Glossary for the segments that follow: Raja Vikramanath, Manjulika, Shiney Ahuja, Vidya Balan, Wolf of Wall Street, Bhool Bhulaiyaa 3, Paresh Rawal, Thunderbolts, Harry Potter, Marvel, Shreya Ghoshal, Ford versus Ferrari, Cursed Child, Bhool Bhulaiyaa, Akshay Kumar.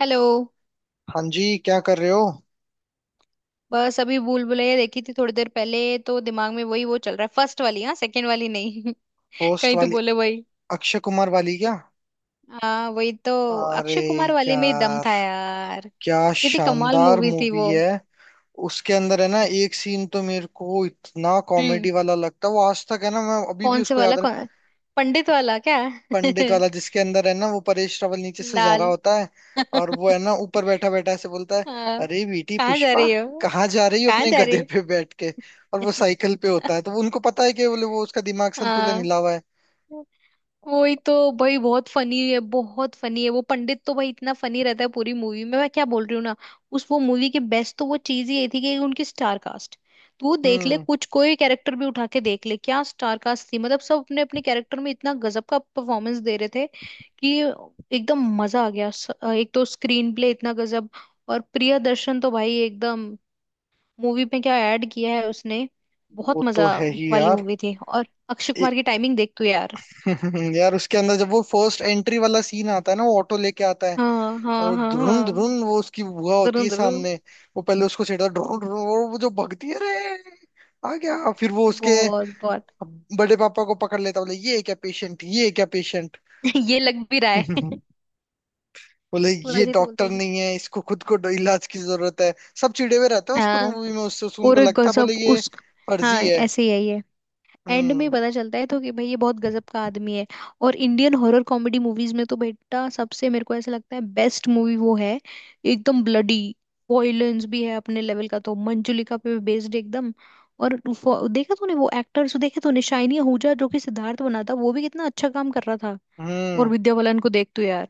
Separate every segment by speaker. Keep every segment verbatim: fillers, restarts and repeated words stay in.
Speaker 1: Hello.
Speaker 2: हाँ जी, क्या कर रहे हो।
Speaker 1: बस अभी भूल भुलैया देखी थी थोड़ी देर पहले, तो दिमाग में वही वो चल रहा है। फर्स्ट वाली, हाँ, सेकंड वाली नहीं।
Speaker 2: पोस्ट
Speaker 1: कहीं तो
Speaker 2: वाली।
Speaker 1: बोले वही।
Speaker 2: अक्षय कुमार वाली क्या।
Speaker 1: हाँ, वही तो।
Speaker 2: अरे
Speaker 1: अक्षय कुमार वाली में ही दम
Speaker 2: यार,
Speaker 1: था यार।
Speaker 2: क्या
Speaker 1: कितनी कमाल
Speaker 2: शानदार
Speaker 1: मूवी थी
Speaker 2: मूवी
Speaker 1: वो।
Speaker 2: है। उसके अंदर है ना, एक सीन तो मेरे को इतना
Speaker 1: हम्म।
Speaker 2: कॉमेडी वाला लगता है, वो आज तक है ना, मैं अभी भी
Speaker 1: कौन से
Speaker 2: उसको
Speaker 1: वाला?
Speaker 2: याद रख।
Speaker 1: कौन, पंडित वाला क्या?
Speaker 2: पंडित वाला जिसके अंदर है ना वो परेश रावल नीचे से जा
Speaker 1: लाल।
Speaker 2: रहा होता है। और वो है ना ऊपर बैठा बैठा ऐसे बोलता है,
Speaker 1: हाँ।
Speaker 2: अरे बेटी
Speaker 1: कहाँ जा
Speaker 2: पुष्पा,
Speaker 1: रही हो?
Speaker 2: कहाँ जा रही हो
Speaker 1: कहाँ
Speaker 2: अपने
Speaker 1: जा रही
Speaker 2: गधे
Speaker 1: हो?
Speaker 2: पे बैठ के। और वो साइकिल पे होता है, तो उनको पता है कि बोले वो उसका दिमाग संतुलन हिला
Speaker 1: हाँ,
Speaker 2: हुआ है।
Speaker 1: वही तो। भाई बहुत फनी है, बहुत फनी है वो पंडित तो। भाई इतना फनी रहता है पूरी मूवी में। मैं क्या बोल रही हूँ ना, उस वो मूवी की बेस्ट तो वो चीज ही ये थी कि उनकी स्टार कास्ट। तू देख ले,
Speaker 2: हम्म।
Speaker 1: कुछ कोई कैरेक्टर भी उठा के देख ले, क्या स्टार कास्ट थी। मतलब सब अपने अपने कैरेक्टर में इतना गजब का परफॉर्मेंस दे रहे थे कि एकदम मजा आ गया। स- एक तो स्क्रीन प्ले इतना गजब। और प्रियदर्शन तो भाई एकदम, मूवी में क्या ऐड किया है उसने। बहुत
Speaker 2: वो तो
Speaker 1: मजा
Speaker 2: है ही
Speaker 1: वाली
Speaker 2: यार।
Speaker 1: मूवी थी। और अक्षय
Speaker 2: ए-
Speaker 1: कुमार की टाइमिंग देख तू यार।
Speaker 2: यार, उसके अंदर जब वो फर्स्ट एंट्री वाला सीन आता है ना, वो ऑटो लेके आता है।
Speaker 1: हाँ
Speaker 2: और
Speaker 1: हाँ
Speaker 2: वो
Speaker 1: हाँ
Speaker 2: ध्रुन
Speaker 1: हाँ।
Speaker 2: ध्रुन, वो उसकी बुआ होती
Speaker 1: जरूर
Speaker 2: है
Speaker 1: जरूर।
Speaker 2: सामने। वो पहले उसको छेड़ता है, ध्रुन ध्रुन, और वो जो भगती है रे। आ गया फिर वो उसके
Speaker 1: बहुत बहुत।
Speaker 2: बड़े पापा को पकड़ लेता, बोले ये क्या पेशेंट, ये क्या पेशेंट।
Speaker 1: ये लग भी रहा है।
Speaker 2: बोले ये
Speaker 1: वैसे तो बोलता
Speaker 2: डॉक्टर
Speaker 1: ही है।
Speaker 2: नहीं है, इसको खुद को इलाज की जरूरत है। सब चिड़े हुए रहते हैं उस पूरी
Speaker 1: हाँ।
Speaker 2: मूवी में उससे, उस-
Speaker 1: और
Speaker 2: उनको
Speaker 1: एक
Speaker 2: लगता है बोले
Speaker 1: गजब
Speaker 2: ये
Speaker 1: उस। हाँ,
Speaker 2: फर्जी है।
Speaker 1: ऐसे ही है ये। एंड में
Speaker 2: हम्म।
Speaker 1: पता चलता है तो कि भाई ये बहुत गजब का आदमी है। और इंडियन हॉरर कॉमेडी मूवीज में तो बेटा, सबसे मेरे को ऐसा लगता है बेस्ट मूवी वो है। एकदम ब्लडी वॉयलेंस भी है अपने लेवल का। तो मंजुलिका पे बेस्ड एकदम। और वो- देखा तूने वो एक्टर्स? देखे तूने? शाइनी आहूजा जो कि सिद्धार्थ बना था, वो भी कितना अच्छा काम कर रहा। और
Speaker 2: हम्म।
Speaker 1: विद्या बालन को देख तू यार।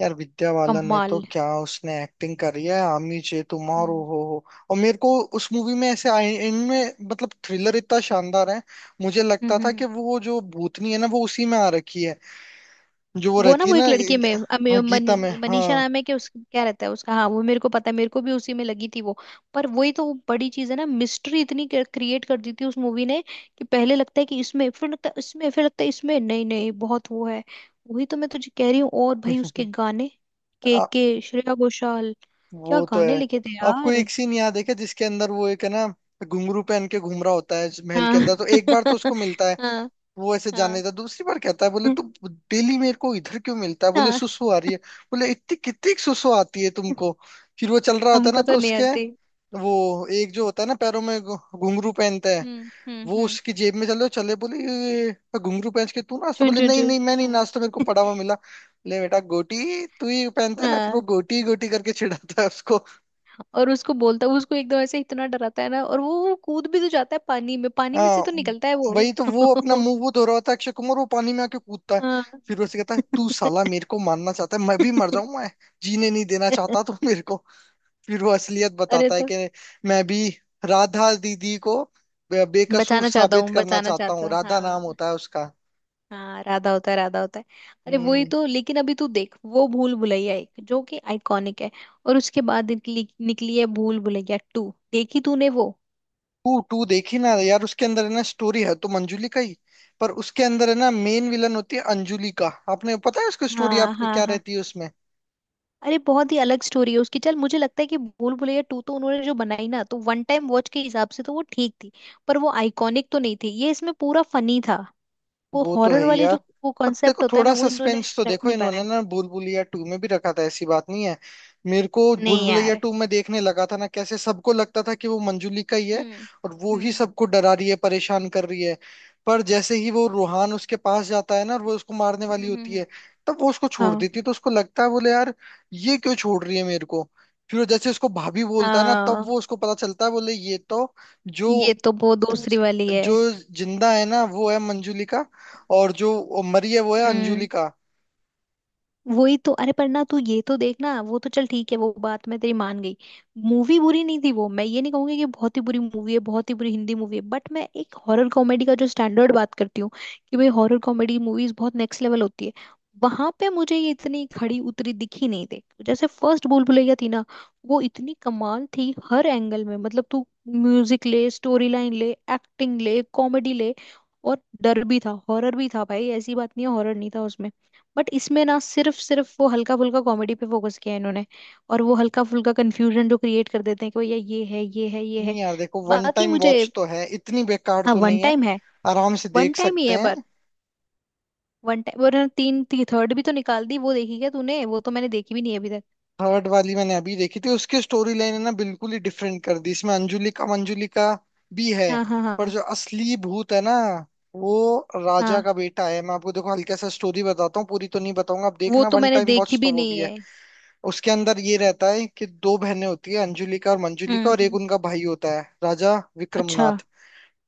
Speaker 2: यार विद्या बालन ने तो
Speaker 1: कमाल।
Speaker 2: क्या उसने एक्टिंग करी है, आमी चे तुम्हारो
Speaker 1: हम्म।
Speaker 2: हो हो। और मेरे को उस मूवी में ऐसे आए- इनमें, मतलब थ्रिलर इतना शानदार है। मुझे
Speaker 1: हम्म
Speaker 2: लगता
Speaker 1: हम्म,
Speaker 2: था कि
Speaker 1: हम्म।
Speaker 2: वो जो भूतनी है ना, वो उसी में आ रखी है, जो वो
Speaker 1: वो ना,
Speaker 2: रहती है
Speaker 1: वो
Speaker 2: ना।
Speaker 1: एक लड़की में अमी-
Speaker 2: हाँ, गीता में,
Speaker 1: मनी- मनीषा
Speaker 2: हाँ।
Speaker 1: नाम है कि उस क्या रहता है उसका। हाँ वो मेरे को पता है, मेरे को भी उसी में लगी थी वो। पर वही तो बड़ी चीज है ना, मिस्ट्री इतनी क्रिएट कर दी थी उस मूवी ने कि पहले लगता है कि इसमें, फिर लगता है इसमें, फिर लगता है इसमें, नहीं नहीं बहुत वो है। वही तो मैं तुझे कह रही हूँ। और भाई उसके गाने, के
Speaker 2: आ,
Speaker 1: के श्रेया घोषाल, क्या
Speaker 2: वो तो
Speaker 1: गाने
Speaker 2: है।
Speaker 1: लिखे थे
Speaker 2: आपको
Speaker 1: यार।
Speaker 2: एक सीन याद है क्या, जिसके अंदर वो एक है ना घुंघरू पहन के घूम रहा होता है इस महल के
Speaker 1: हाँ।
Speaker 2: अंदर, तो एक बार तो उसको मिलता है।
Speaker 1: हाँ
Speaker 2: वो ऐसे जाने
Speaker 1: हाँ
Speaker 2: था, दूसरी बार कहता है, बोले तू डेली मेरे को इधर क्यों मिलता है, बोले
Speaker 1: हाँ।
Speaker 2: सुसु आ रही है। बोले इतनी कितनी सुसु आती है तुमको। फिर वो चल रहा होता है ना,
Speaker 1: हमको
Speaker 2: तो
Speaker 1: तो नहीं
Speaker 2: उसके
Speaker 1: आते।
Speaker 2: वो एक जो होता है ना पैरों में घु- घुंघरू पहनता है।
Speaker 1: हम्म हम्म
Speaker 2: वो
Speaker 1: हम्म।
Speaker 2: उसकी जेब में चले चले बोले, "ये, ये, घुंघरू पहन के तू नाश्ता",
Speaker 1: चुन
Speaker 2: बोले
Speaker 1: चुन
Speaker 2: नहीं
Speaker 1: चुन।
Speaker 2: नहीं, मैं नहीं
Speaker 1: हम्म।
Speaker 2: नाश्ता, मेरे को पड़ा हुआ मिला, बोले बेटा गोटी तू ही पहनता है ना, फिर वो
Speaker 1: हाँ।
Speaker 2: गोटी गोटी करके चिढ़ाता है उसको।
Speaker 1: और उसको बोलता है, उसको एकदम ऐसे इतना डराता है ना, और वो वो कूद भी तो जाता है पानी में। पानी में
Speaker 2: हाँ,
Speaker 1: से तो निकलता है वो।
Speaker 2: वही तो। वो अपना मुंह वो धो रहा होता है अक्षय कुमार, वो पानी में आके कूदता है।
Speaker 1: हाँ।
Speaker 2: फिर वो से कहता है, तू साला मेरे को मारना चाहता है, मैं भी मर जाऊं, मैं जीने नहीं देना चाहता तू मेरे को। फिर वो असलियत
Speaker 1: अरे
Speaker 2: बताता है
Speaker 1: तो
Speaker 2: कि मैं भी राधा दीदी को बे- बेकसूर
Speaker 1: बचाना चाहता
Speaker 2: साबित
Speaker 1: हूँ,
Speaker 2: करना
Speaker 1: बचाना
Speaker 2: चाहता
Speaker 1: चाहता
Speaker 2: हूँ,
Speaker 1: हूँ।
Speaker 2: राधा नाम
Speaker 1: हाँ
Speaker 2: होता है उसका।
Speaker 1: हाँ, राधा होता है, राधा होता है। अरे वही
Speaker 2: हम्म।
Speaker 1: तो। लेकिन अभी तू देख, वो भूल भुलैया एक जो कि आइकॉनिक है। और उसके बाद निकली, निकली है भूल भुलैया टू। देखी तूने वो?
Speaker 2: टू, टू देखी ना यार। उसके अंदर है ना, स्टोरी है तो मंजुली का ही, पर उसके अंदर है ना मेन विलन होती है अंजुली का। आपने पता है उसकी स्टोरी
Speaker 1: हाँ
Speaker 2: आपको
Speaker 1: हाँ
Speaker 2: क्या
Speaker 1: हाँ।
Speaker 2: रहती है उसमें।
Speaker 1: अरे बहुत ही अलग स्टोरी है उसकी। चल मुझे लगता है कि भूल भुलैया टू तो उन्होंने जो बनाई ना, तो वन टाइम वॉच के हिसाब से तो वो ठीक थी। पर वो आइकॉनिक तो नहीं थी। ये इसमें पूरा फनी था। वो
Speaker 2: वो तो है
Speaker 1: हॉरर
Speaker 2: ही
Speaker 1: वाले
Speaker 2: यार।
Speaker 1: जो वो
Speaker 2: पर देखो
Speaker 1: कॉन्सेप्ट होता है ना,
Speaker 2: थोड़ा
Speaker 1: वो इन्होंने
Speaker 2: सस्पेंस तो
Speaker 1: रख
Speaker 2: देखो
Speaker 1: नहीं
Speaker 2: इन्होंने
Speaker 1: पाया।
Speaker 2: ना भूल भुलैया टू में भी रखा था, ऐसी बात नहीं है। मेरे को भूल
Speaker 1: नहीं
Speaker 2: भुलैया
Speaker 1: यार।
Speaker 2: टू में देखने लगा था ना, कैसे सबको लगता था कि वो मंजुली का ही है,
Speaker 1: हम्म
Speaker 2: और वो ही
Speaker 1: हम्म
Speaker 2: सबको डरा रही है परेशान कर रही है। पर जैसे ही वो रूहान उसके पास जाता है ना और वो उसको मारने वाली
Speaker 1: हम्म। हम्म,
Speaker 2: होती
Speaker 1: हम्म।
Speaker 2: है, तब वो उसको छोड़
Speaker 1: हाँ।
Speaker 2: देती है, तो उसको लगता है बोले यार ये क्यों छोड़ रही है मेरे को। फिर जैसे उसको भाभी बोलता है ना, तब
Speaker 1: हाँ
Speaker 2: वो उसको पता चलता है, बोले ये तो जो
Speaker 1: ये तो वो वो दूसरी
Speaker 2: ज-
Speaker 1: वाली है।
Speaker 2: जो जिंदा है ना वो है मंजुलिका, और जो मरी है वो है
Speaker 1: हम्म।
Speaker 2: अंजुलिका।
Speaker 1: वही तो। अरे पर ना तू ये तो देखना, वो तो चल ठीक है, वो बात मैं तेरी मान गई। मूवी बुरी नहीं थी वो, मैं ये नहीं कहूंगी कि बहुत ही बुरी मूवी है, बहुत ही बुरी हिंदी मूवी है। बट मैं एक हॉरर कॉमेडी का जो स्टैंडर्ड बात करती हूँ कि भाई हॉरर कॉमेडी मूवीज बहुत नेक्स्ट लेवल होती है, वहां पे मुझे ये इतनी खड़ी उतरी दिखी नहीं थी जैसे फर्स्ट भूल भुलैया थी ना। वो इतनी कमाल थी हर एंगल में। मतलब तू म्यूजिक ले, स्टोरी लाइन ले, एक्टिंग ले, कॉमेडी ले। और डर भी था, हॉरर भी था, भाई ऐसी बात नहीं है हॉरर नहीं था उसमें। बट इसमें ना सिर्फ सिर्फ वो हल्का फुल्का कॉमेडी पे फोकस किया है इन्होंने। और वो हल्का फुल्का कंफ्यूजन जो क्रिएट कर देते हैं कि भैया ये है, ये है, ये है।
Speaker 2: नहीं यार, देखो, वन
Speaker 1: बाकी
Speaker 2: टाइम
Speaker 1: मुझे,
Speaker 2: वॉच तो है, इतनी बेकार
Speaker 1: हाँ
Speaker 2: तो
Speaker 1: वन
Speaker 2: नहीं है।
Speaker 1: टाइम है,
Speaker 2: आराम से
Speaker 1: वन
Speaker 2: देख
Speaker 1: टाइम ही
Speaker 2: सकते
Speaker 1: है। पर
Speaker 2: हैं।
Speaker 1: One time. और तीन थी, थर्ड भी तो निकाल दी, वो देखी क्या तूने? वो तो मैंने देखी भी नहीं है अभी तक।
Speaker 2: थर्ड वाली मैंने अभी देखी थी, उसकी स्टोरी लाइन है ना बिल्कुल ही डिफरेंट कर दी, इसमें अंजुलिका मंजुलिका भी है,
Speaker 1: हाँ हाँ
Speaker 2: पर
Speaker 1: हाँ
Speaker 2: जो असली भूत है ना वो राजा
Speaker 1: हाँ।
Speaker 2: का बेटा है। मैं आपको देखो हल्का सा स्टोरी बताता हूँ, पूरी तो नहीं बताऊंगा, आप
Speaker 1: वो
Speaker 2: देखना,
Speaker 1: तो
Speaker 2: वन
Speaker 1: मैंने
Speaker 2: टाइम
Speaker 1: देखी
Speaker 2: वॉच तो
Speaker 1: भी
Speaker 2: वो
Speaker 1: नहीं
Speaker 2: भी है।
Speaker 1: है।
Speaker 2: उसके अंदर ये रहता है कि दो बहनें होती है, अंजुलिका और मंजुलिका,
Speaker 1: हम्म
Speaker 2: और एक
Speaker 1: हम्म।
Speaker 2: उनका भाई होता है राजा
Speaker 1: अच्छा।
Speaker 2: विक्रमनाथ।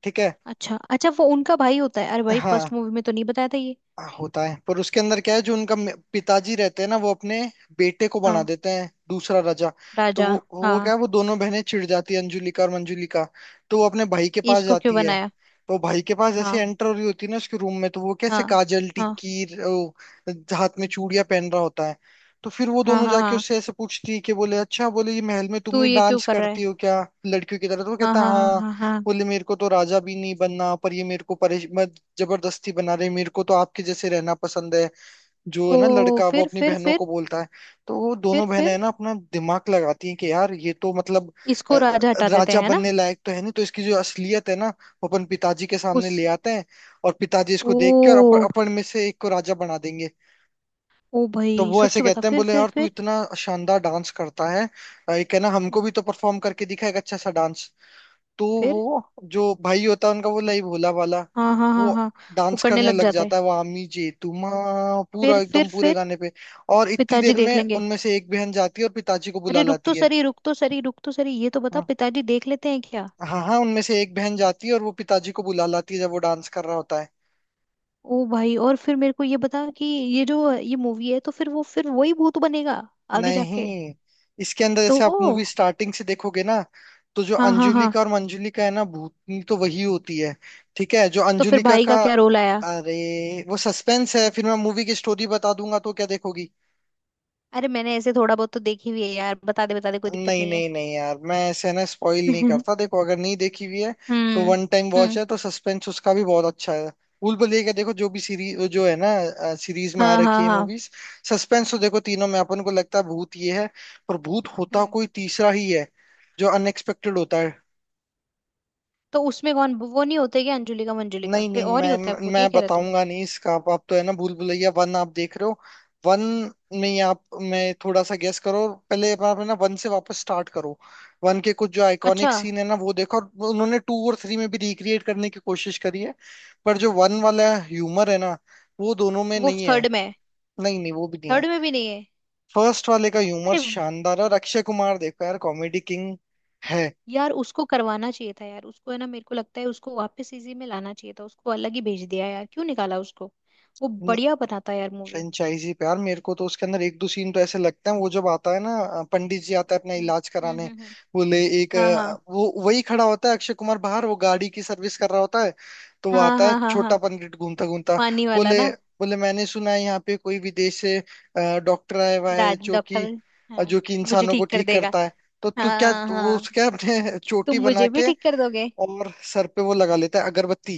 Speaker 2: ठीक है।
Speaker 1: अच्छा अच्छा, वो उनका भाई होता है? अरे भाई
Speaker 2: हाँ।
Speaker 1: फर्स्ट मूवी में तो नहीं बताया था ये।
Speaker 2: आ, होता है, पर उसके अंदर क्या है, जो उनका मे- पिताजी रहते हैं ना वो अपने बेटे को बना
Speaker 1: हाँ।
Speaker 2: देते हैं दूसरा राजा। तो
Speaker 1: राजा।
Speaker 2: वो
Speaker 1: हाँ।
Speaker 2: वो क्या है, वो दोनों बहनें चिढ़ जाती है, अंजुलिका और मंजुलिका। तो वो अपने भाई के पास
Speaker 1: इसको क्यों
Speaker 2: जाती है।
Speaker 1: बनाया?
Speaker 2: तो भाई के पास जैसे
Speaker 1: हाँ
Speaker 2: एंटर हो रही होती है ना उसके रूम में, तो वो कैसे
Speaker 1: हाँ
Speaker 2: काजल
Speaker 1: हाँ।
Speaker 2: टीकीर ओ, हाथ में चूड़ियां पहन रहा होता है। तो फिर वो
Speaker 1: हाँ
Speaker 2: दोनों
Speaker 1: हाँ
Speaker 2: जाके
Speaker 1: हाँ।
Speaker 2: उससे ऐसे पूछती है कि, बोले अच्छा, बोले ये महल में तुम
Speaker 1: तू
Speaker 2: ही
Speaker 1: ये क्यों
Speaker 2: डांस
Speaker 1: कर रहा
Speaker 2: करती
Speaker 1: है?
Speaker 2: हो क्या लड़कियों की तरह, तो वो
Speaker 1: हाँ
Speaker 2: कहता है,
Speaker 1: हाँ हाँ
Speaker 2: "हाँ,
Speaker 1: हाँ हाँ।
Speaker 2: बोले मेरे को तो राजा भी नहीं बनना, पर ये मेरे को परेश मत जबरदस्ती बना रहे, मेरे को तो आपके जैसे रहना पसंद है", जो है
Speaker 1: ओ
Speaker 2: ना लड़का, वो
Speaker 1: फिर
Speaker 2: अपनी
Speaker 1: फिर
Speaker 2: बहनों
Speaker 1: फिर।
Speaker 2: को बोलता है। तो वो
Speaker 1: फिर
Speaker 2: दोनों बहनें है
Speaker 1: फिर
Speaker 2: ना अपना दिमाग लगाती हैं कि यार ये तो मतलब अ,
Speaker 1: इसको राजा हटा देते
Speaker 2: राजा
Speaker 1: हैं ना।
Speaker 2: बनने लायक तो है नहीं, तो इसकी जो असलियत है ना वो अपन पिताजी के
Speaker 1: उस,
Speaker 2: सामने ले आते हैं, और पिताजी इसको देख के और अप,
Speaker 1: ओ,
Speaker 2: अपन में से एक को राजा बना देंगे।
Speaker 1: ओ भाई
Speaker 2: तो वो ऐसे
Speaker 1: सच बता,
Speaker 2: कहते हैं,
Speaker 1: फिर
Speaker 2: बोले
Speaker 1: फिर
Speaker 2: यार तू
Speaker 1: फिर।
Speaker 2: इतना शानदार डांस करता है, अ, एक है ना हमको भी
Speaker 1: हम्म।
Speaker 2: तो परफॉर्म करके दिखा, एक अच्छा सा डांस। तो
Speaker 1: फिर।
Speaker 2: वो जो भाई होता है उनका, वो लई भोला वाला,
Speaker 1: हाँ हाँ हाँ
Speaker 2: वो
Speaker 1: हाँ। वो
Speaker 2: डांस
Speaker 1: करने
Speaker 2: करने
Speaker 1: लग
Speaker 2: लग
Speaker 1: जाता है।
Speaker 2: जाता है, वो आमी जी तुम्हा पूरा,
Speaker 1: फिर फिर
Speaker 2: एकदम पूरे
Speaker 1: फिर।
Speaker 2: गाने पे। और इतनी
Speaker 1: पिताजी
Speaker 2: देर
Speaker 1: देख
Speaker 2: में
Speaker 1: लेंगे।
Speaker 2: उनमें से एक बहन जाती है और पिताजी को बुला
Speaker 1: अरे रुक तो
Speaker 2: लाती है।
Speaker 1: सरी, रुक तो सरी, रुक तो सरी, ये तो बता
Speaker 2: हाँ
Speaker 1: पिताजी देख लेते हैं क्या?
Speaker 2: हाँ, हाँ, उनमें से एक बहन जाती है और वो पिताजी को बुला लाती है जब वो डांस कर रहा होता है।
Speaker 1: ओ भाई, और फिर मेरे को ये बता कि ये जो ये मूवी है, तो फिर वो फिर वही भूत बनेगा आगे जाके?
Speaker 2: नहीं, इसके अंदर जैसे
Speaker 1: तो,
Speaker 2: आप मूवी स्टार्टिंग से देखोगे ना, तो जो
Speaker 1: हाँ हाँ हाँ।
Speaker 2: अंजुलिका और मंजुलिका है ना भूतनी तो वही होती है। ठीक है, जो
Speaker 1: तो फिर
Speaker 2: अंजुलिका
Speaker 1: भाई का
Speaker 2: का,
Speaker 1: क्या रोल आया?
Speaker 2: अरे वो सस्पेंस है, फिर मैं मूवी की स्टोरी बता दूंगा तो क्या देखोगी।
Speaker 1: अरे मैंने ऐसे थोड़ा बहुत तो देखी हुई है यार, बता दे बता दे, कोई दिक्कत
Speaker 2: नहीं
Speaker 1: नहीं है।
Speaker 2: नहीं नहीं यार, मैं ऐसे ना स्पॉइल नहीं
Speaker 1: हम्म।
Speaker 2: करता, देखो अगर नहीं देखी हुई है तो वन टाइम वॉच
Speaker 1: हम्म।
Speaker 2: है, तो सस्पेंस उसका भी बहुत अच्छा है। भूल भुलैया का देखो, जो भी सीरीज जो है ना, सीरीज में आ
Speaker 1: हाँ हाँ
Speaker 2: रखी है
Speaker 1: हाँ।
Speaker 2: मूवीज, सस्पेंस तो देखो तीनों में अपन को लगता है भूत ये है, पर भूत होता
Speaker 1: हम्म।
Speaker 2: कोई तीसरा ही है, जो अनएक्सपेक्टेड होता है।
Speaker 1: तो उसमें कौन, वो नहीं होते क्या अंजुलिका मंजुलिका,
Speaker 2: नहीं
Speaker 1: कोई
Speaker 2: नहीं,
Speaker 1: और ही
Speaker 2: मैं
Speaker 1: होता है, वो ये
Speaker 2: मैं
Speaker 1: कह रहे तू?
Speaker 2: बताऊंगा नहीं इसका। आप, आप तो है ना भूल भुलैया वन आप देख रहे हो, वन में ही आप, मैं थोड़ा सा गेस करो, और पहले आप है ना वन से वापस स्टार्ट करो। वन के कुछ जो
Speaker 1: अच्छा।
Speaker 2: आइकॉनिक सीन है ना, वो देखो, और उन्होंने टू और थ्री में भी रिक्रिएट करने की कोशिश करी है, पर जो वन वाला ह्यूमर है ना वो दोनों में
Speaker 1: वो
Speaker 2: नहीं है।
Speaker 1: थर्ड में है?
Speaker 2: नहीं नहीं, वो भी नहीं है।
Speaker 1: थर्ड में भी नहीं है?
Speaker 2: फर्स्ट वाले का ह्यूमर
Speaker 1: अरे।
Speaker 2: शानदार है, और अक्षय कुमार देखो यार, कॉमेडी किंग है
Speaker 1: यार उसको करवाना चाहिए था यार उसको, है ना। मेरे को लगता है उसको वापस इसी में लाना चाहिए था, उसको अलग ही भेज दिया यार, क्यों निकाला उसको। वो बढ़िया बनाता यार मूवी।
Speaker 2: फ्रेंचाइजी पे यार। मेरे को तो उसके अंदर एक दो सीन तो ऐसे लगते हैं, वो जब आता है ना, अ, पंडित जी आता है अपना
Speaker 1: हम्म।
Speaker 2: इलाज
Speaker 1: हम्म
Speaker 2: कराने।
Speaker 1: हम्म, हम्म।
Speaker 2: वो ले एक
Speaker 1: हाँ
Speaker 2: अ,
Speaker 1: हाँ।
Speaker 2: वो वही खड़ा होता है अक्षय कुमार बाहर, वो गाड़ी की सर्विस कर रहा होता है। तो वो
Speaker 1: हाँ
Speaker 2: आता है
Speaker 1: हाँ हाँ।
Speaker 2: छोटा
Speaker 1: हाँ
Speaker 2: पंडित, घूमता घूमता
Speaker 1: पानी वाला
Speaker 2: बोले,
Speaker 1: ना।
Speaker 2: बोले मैंने सुना है यहाँ पे कोई विदेश से डॉक्टर आया हुआ है,
Speaker 1: राज
Speaker 2: जो
Speaker 1: डॉक्टर।
Speaker 2: कि अ,
Speaker 1: हाँ।
Speaker 2: जो कि
Speaker 1: मुझे
Speaker 2: इंसानों को
Speaker 1: ठीक कर
Speaker 2: ठीक
Speaker 1: देगा।
Speaker 2: करता है, तो तू क्या।
Speaker 1: हाँ
Speaker 2: तो वो
Speaker 1: हाँ।
Speaker 2: उसके अपने
Speaker 1: तुम
Speaker 2: चोटी बना
Speaker 1: मुझे भी
Speaker 2: के
Speaker 1: ठीक कर दोगे।
Speaker 2: और सर पे वो लगा लेता है अगरबत्ती।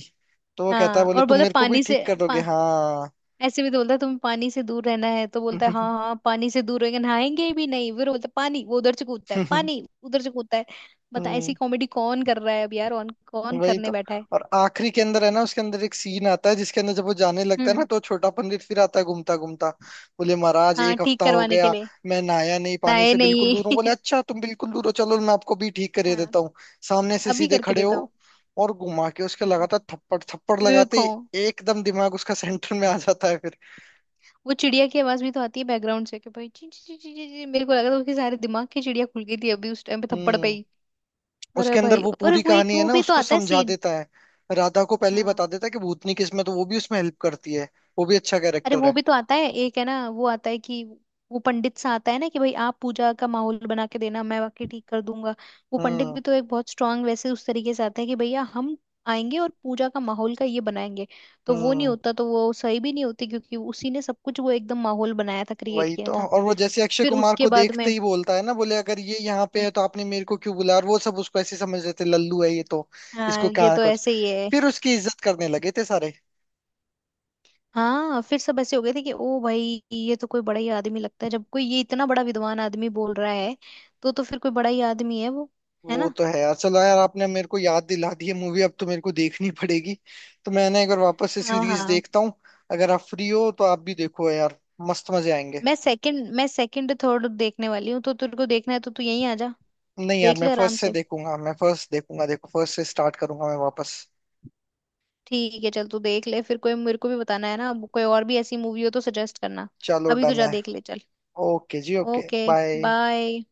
Speaker 2: तो वो कहता है,
Speaker 1: हाँ,
Speaker 2: बोले
Speaker 1: और
Speaker 2: तुम
Speaker 1: बोले
Speaker 2: मेरे को भी
Speaker 1: पानी से,
Speaker 2: ठीक कर दोगे
Speaker 1: पा,
Speaker 2: हाँ।
Speaker 1: ऐसे भी तो बोलता है तुम्हें पानी से दूर रहना है, तो बोलता है हाँ हाँ पानी से दूर रहेंगे, नहाएंगे भी नहीं। फिर बोलता है पानी, वो उधर से कूदता है, पानी उधर से कूदता है। बता ऐसी
Speaker 2: हम्म।
Speaker 1: कॉमेडी कौन कर रहा है अब यार, कौन कौन
Speaker 2: वही
Speaker 1: करने
Speaker 2: तो।
Speaker 1: बैठा है।
Speaker 2: और आखिरी के अंदर है ना उसके अंदर एक सीन आता है, जिसके अंदर जब वो जाने लगता है ना,
Speaker 1: हम्म।
Speaker 2: तो छोटा पंडित फिर आता है घूमता घूमता, बोले महाराज
Speaker 1: हाँ,
Speaker 2: एक
Speaker 1: ठीक
Speaker 2: हफ्ता हो
Speaker 1: करवाने के
Speaker 2: गया
Speaker 1: लिए।
Speaker 2: मैं नहाया नहीं, पानी
Speaker 1: नहाए
Speaker 2: से बिल्कुल दूर हूँ,
Speaker 1: नहीं।
Speaker 2: बोले अच्छा तुम बिल्कुल दूर हो, चलो मैं आपको भी ठीक करे
Speaker 1: हाँ।
Speaker 2: देता हूँ, सामने से
Speaker 1: अभी
Speaker 2: सीधे
Speaker 1: करके
Speaker 2: खड़े
Speaker 1: देता
Speaker 2: हो।
Speaker 1: हूँ।
Speaker 2: और घुमा के उसके
Speaker 1: हम्म।
Speaker 2: लगातार थप्पड़ थप्पड़ लगाते
Speaker 1: देखो,
Speaker 2: ही एकदम दिमाग उसका सेंटर में आ जाता है फिर।
Speaker 1: वो चिड़िया की आवाज भी तो आती है बैकग्राउंड से कि भाई ची ची ची ची ची- ची। मेरे को लगा था उसके सारे दिमाग की चिड़िया खुल गई थी अभी उस टाइम पे, थप्पड़ पे
Speaker 2: हम्म।
Speaker 1: ही। अरे
Speaker 2: उसके अंदर
Speaker 1: भाई,
Speaker 2: वो
Speaker 1: और
Speaker 2: पूरी
Speaker 1: वो एक
Speaker 2: कहानी है
Speaker 1: वो
Speaker 2: ना
Speaker 1: भी तो
Speaker 2: उसको
Speaker 1: आता है
Speaker 2: समझा
Speaker 1: सीन।
Speaker 2: देता है। राधा को पहले ही
Speaker 1: हाँ।
Speaker 2: बता देता है कि भूतनी किस्म है, तो वो भी उसमें हेल्प करती है। वो भी अच्छा
Speaker 1: अरे
Speaker 2: कैरेक्टर
Speaker 1: वो
Speaker 2: है।
Speaker 1: भी तो आता है, एक है ना वो आता है कि वो पंडित सा आता है ना कि भाई आप पूजा का माहौल बना के देना, मैं बाकी ठीक कर दूंगा। वो पंडित
Speaker 2: हम्म।
Speaker 1: भी तो एक बहुत स्ट्रांग वैसे उस तरीके से आता है कि भैया हम आएंगे और पूजा का माहौल का ये बनाएंगे। तो वो नहीं
Speaker 2: हम्म।
Speaker 1: होता तो वो सही भी नहीं होती, क्योंकि उसी ने सब कुछ वो एकदम माहौल बनाया था, क्रिएट
Speaker 2: वही
Speaker 1: किया
Speaker 2: तो।
Speaker 1: था।
Speaker 2: और वो जैसे अक्षय
Speaker 1: फिर
Speaker 2: कुमार
Speaker 1: उसके
Speaker 2: को
Speaker 1: बाद में,
Speaker 2: देखते ही बोलता है ना, बोले अगर ये यहाँ पे
Speaker 1: हम्म,
Speaker 2: है तो आपने मेरे को क्यों बुलाया, और वो सब उसको ऐसे समझ रहे थे लल्लू है ये तो,
Speaker 1: हाँ
Speaker 2: इसको
Speaker 1: ये
Speaker 2: क्या
Speaker 1: तो
Speaker 2: कुछ,
Speaker 1: ऐसे ही है।
Speaker 2: फिर उसकी इज्जत करने लगे थे सारे।
Speaker 1: हाँ फिर सब ऐसे हो गए थे कि ओ भाई ये तो कोई बड़ा ही आदमी लगता है, जब कोई ये इतना बड़ा विद्वान आदमी बोल रहा है तो तो फिर कोई बड़ा ही आदमी है वो। है
Speaker 2: वो
Speaker 1: ना।
Speaker 2: तो है यार। चलो यार आपने मेरे को याद दिला दी है मूवी, अब तो मेरे को देखनी पड़ेगी। तो मैंने एक बार वापस से
Speaker 1: हाँ
Speaker 2: सीरीज
Speaker 1: हाँ।
Speaker 2: देखता हूँ। अगर आप फ्री हो तो आप भी देखो यार, मस्त मजे आएंगे।
Speaker 1: मैं सेकंड, मैं सेकंड थर्ड देखने वाली हूँ, तो तेरे को देखना है तो तू यहीं आ जा।
Speaker 2: नहीं यार,
Speaker 1: देख
Speaker 2: मैं
Speaker 1: ले
Speaker 2: फर्स्ट
Speaker 1: आराम
Speaker 2: से
Speaker 1: से।
Speaker 2: देखूंगा, मैं फर्स्ट देखूंगा, देखो फर्स्ट से स्टार्ट करूंगा मैं वापस।
Speaker 1: ठीक है चल तू देख ले, फिर कोई मेरे को भी बताना है ना, अब कोई और भी ऐसी मूवी हो तो सजेस्ट करना।
Speaker 2: चलो
Speaker 1: अभी तो
Speaker 2: डन
Speaker 1: जा
Speaker 2: है।
Speaker 1: देख ले चल।
Speaker 2: ओके जी, ओके,
Speaker 1: ओके
Speaker 2: बाय।
Speaker 1: बाय।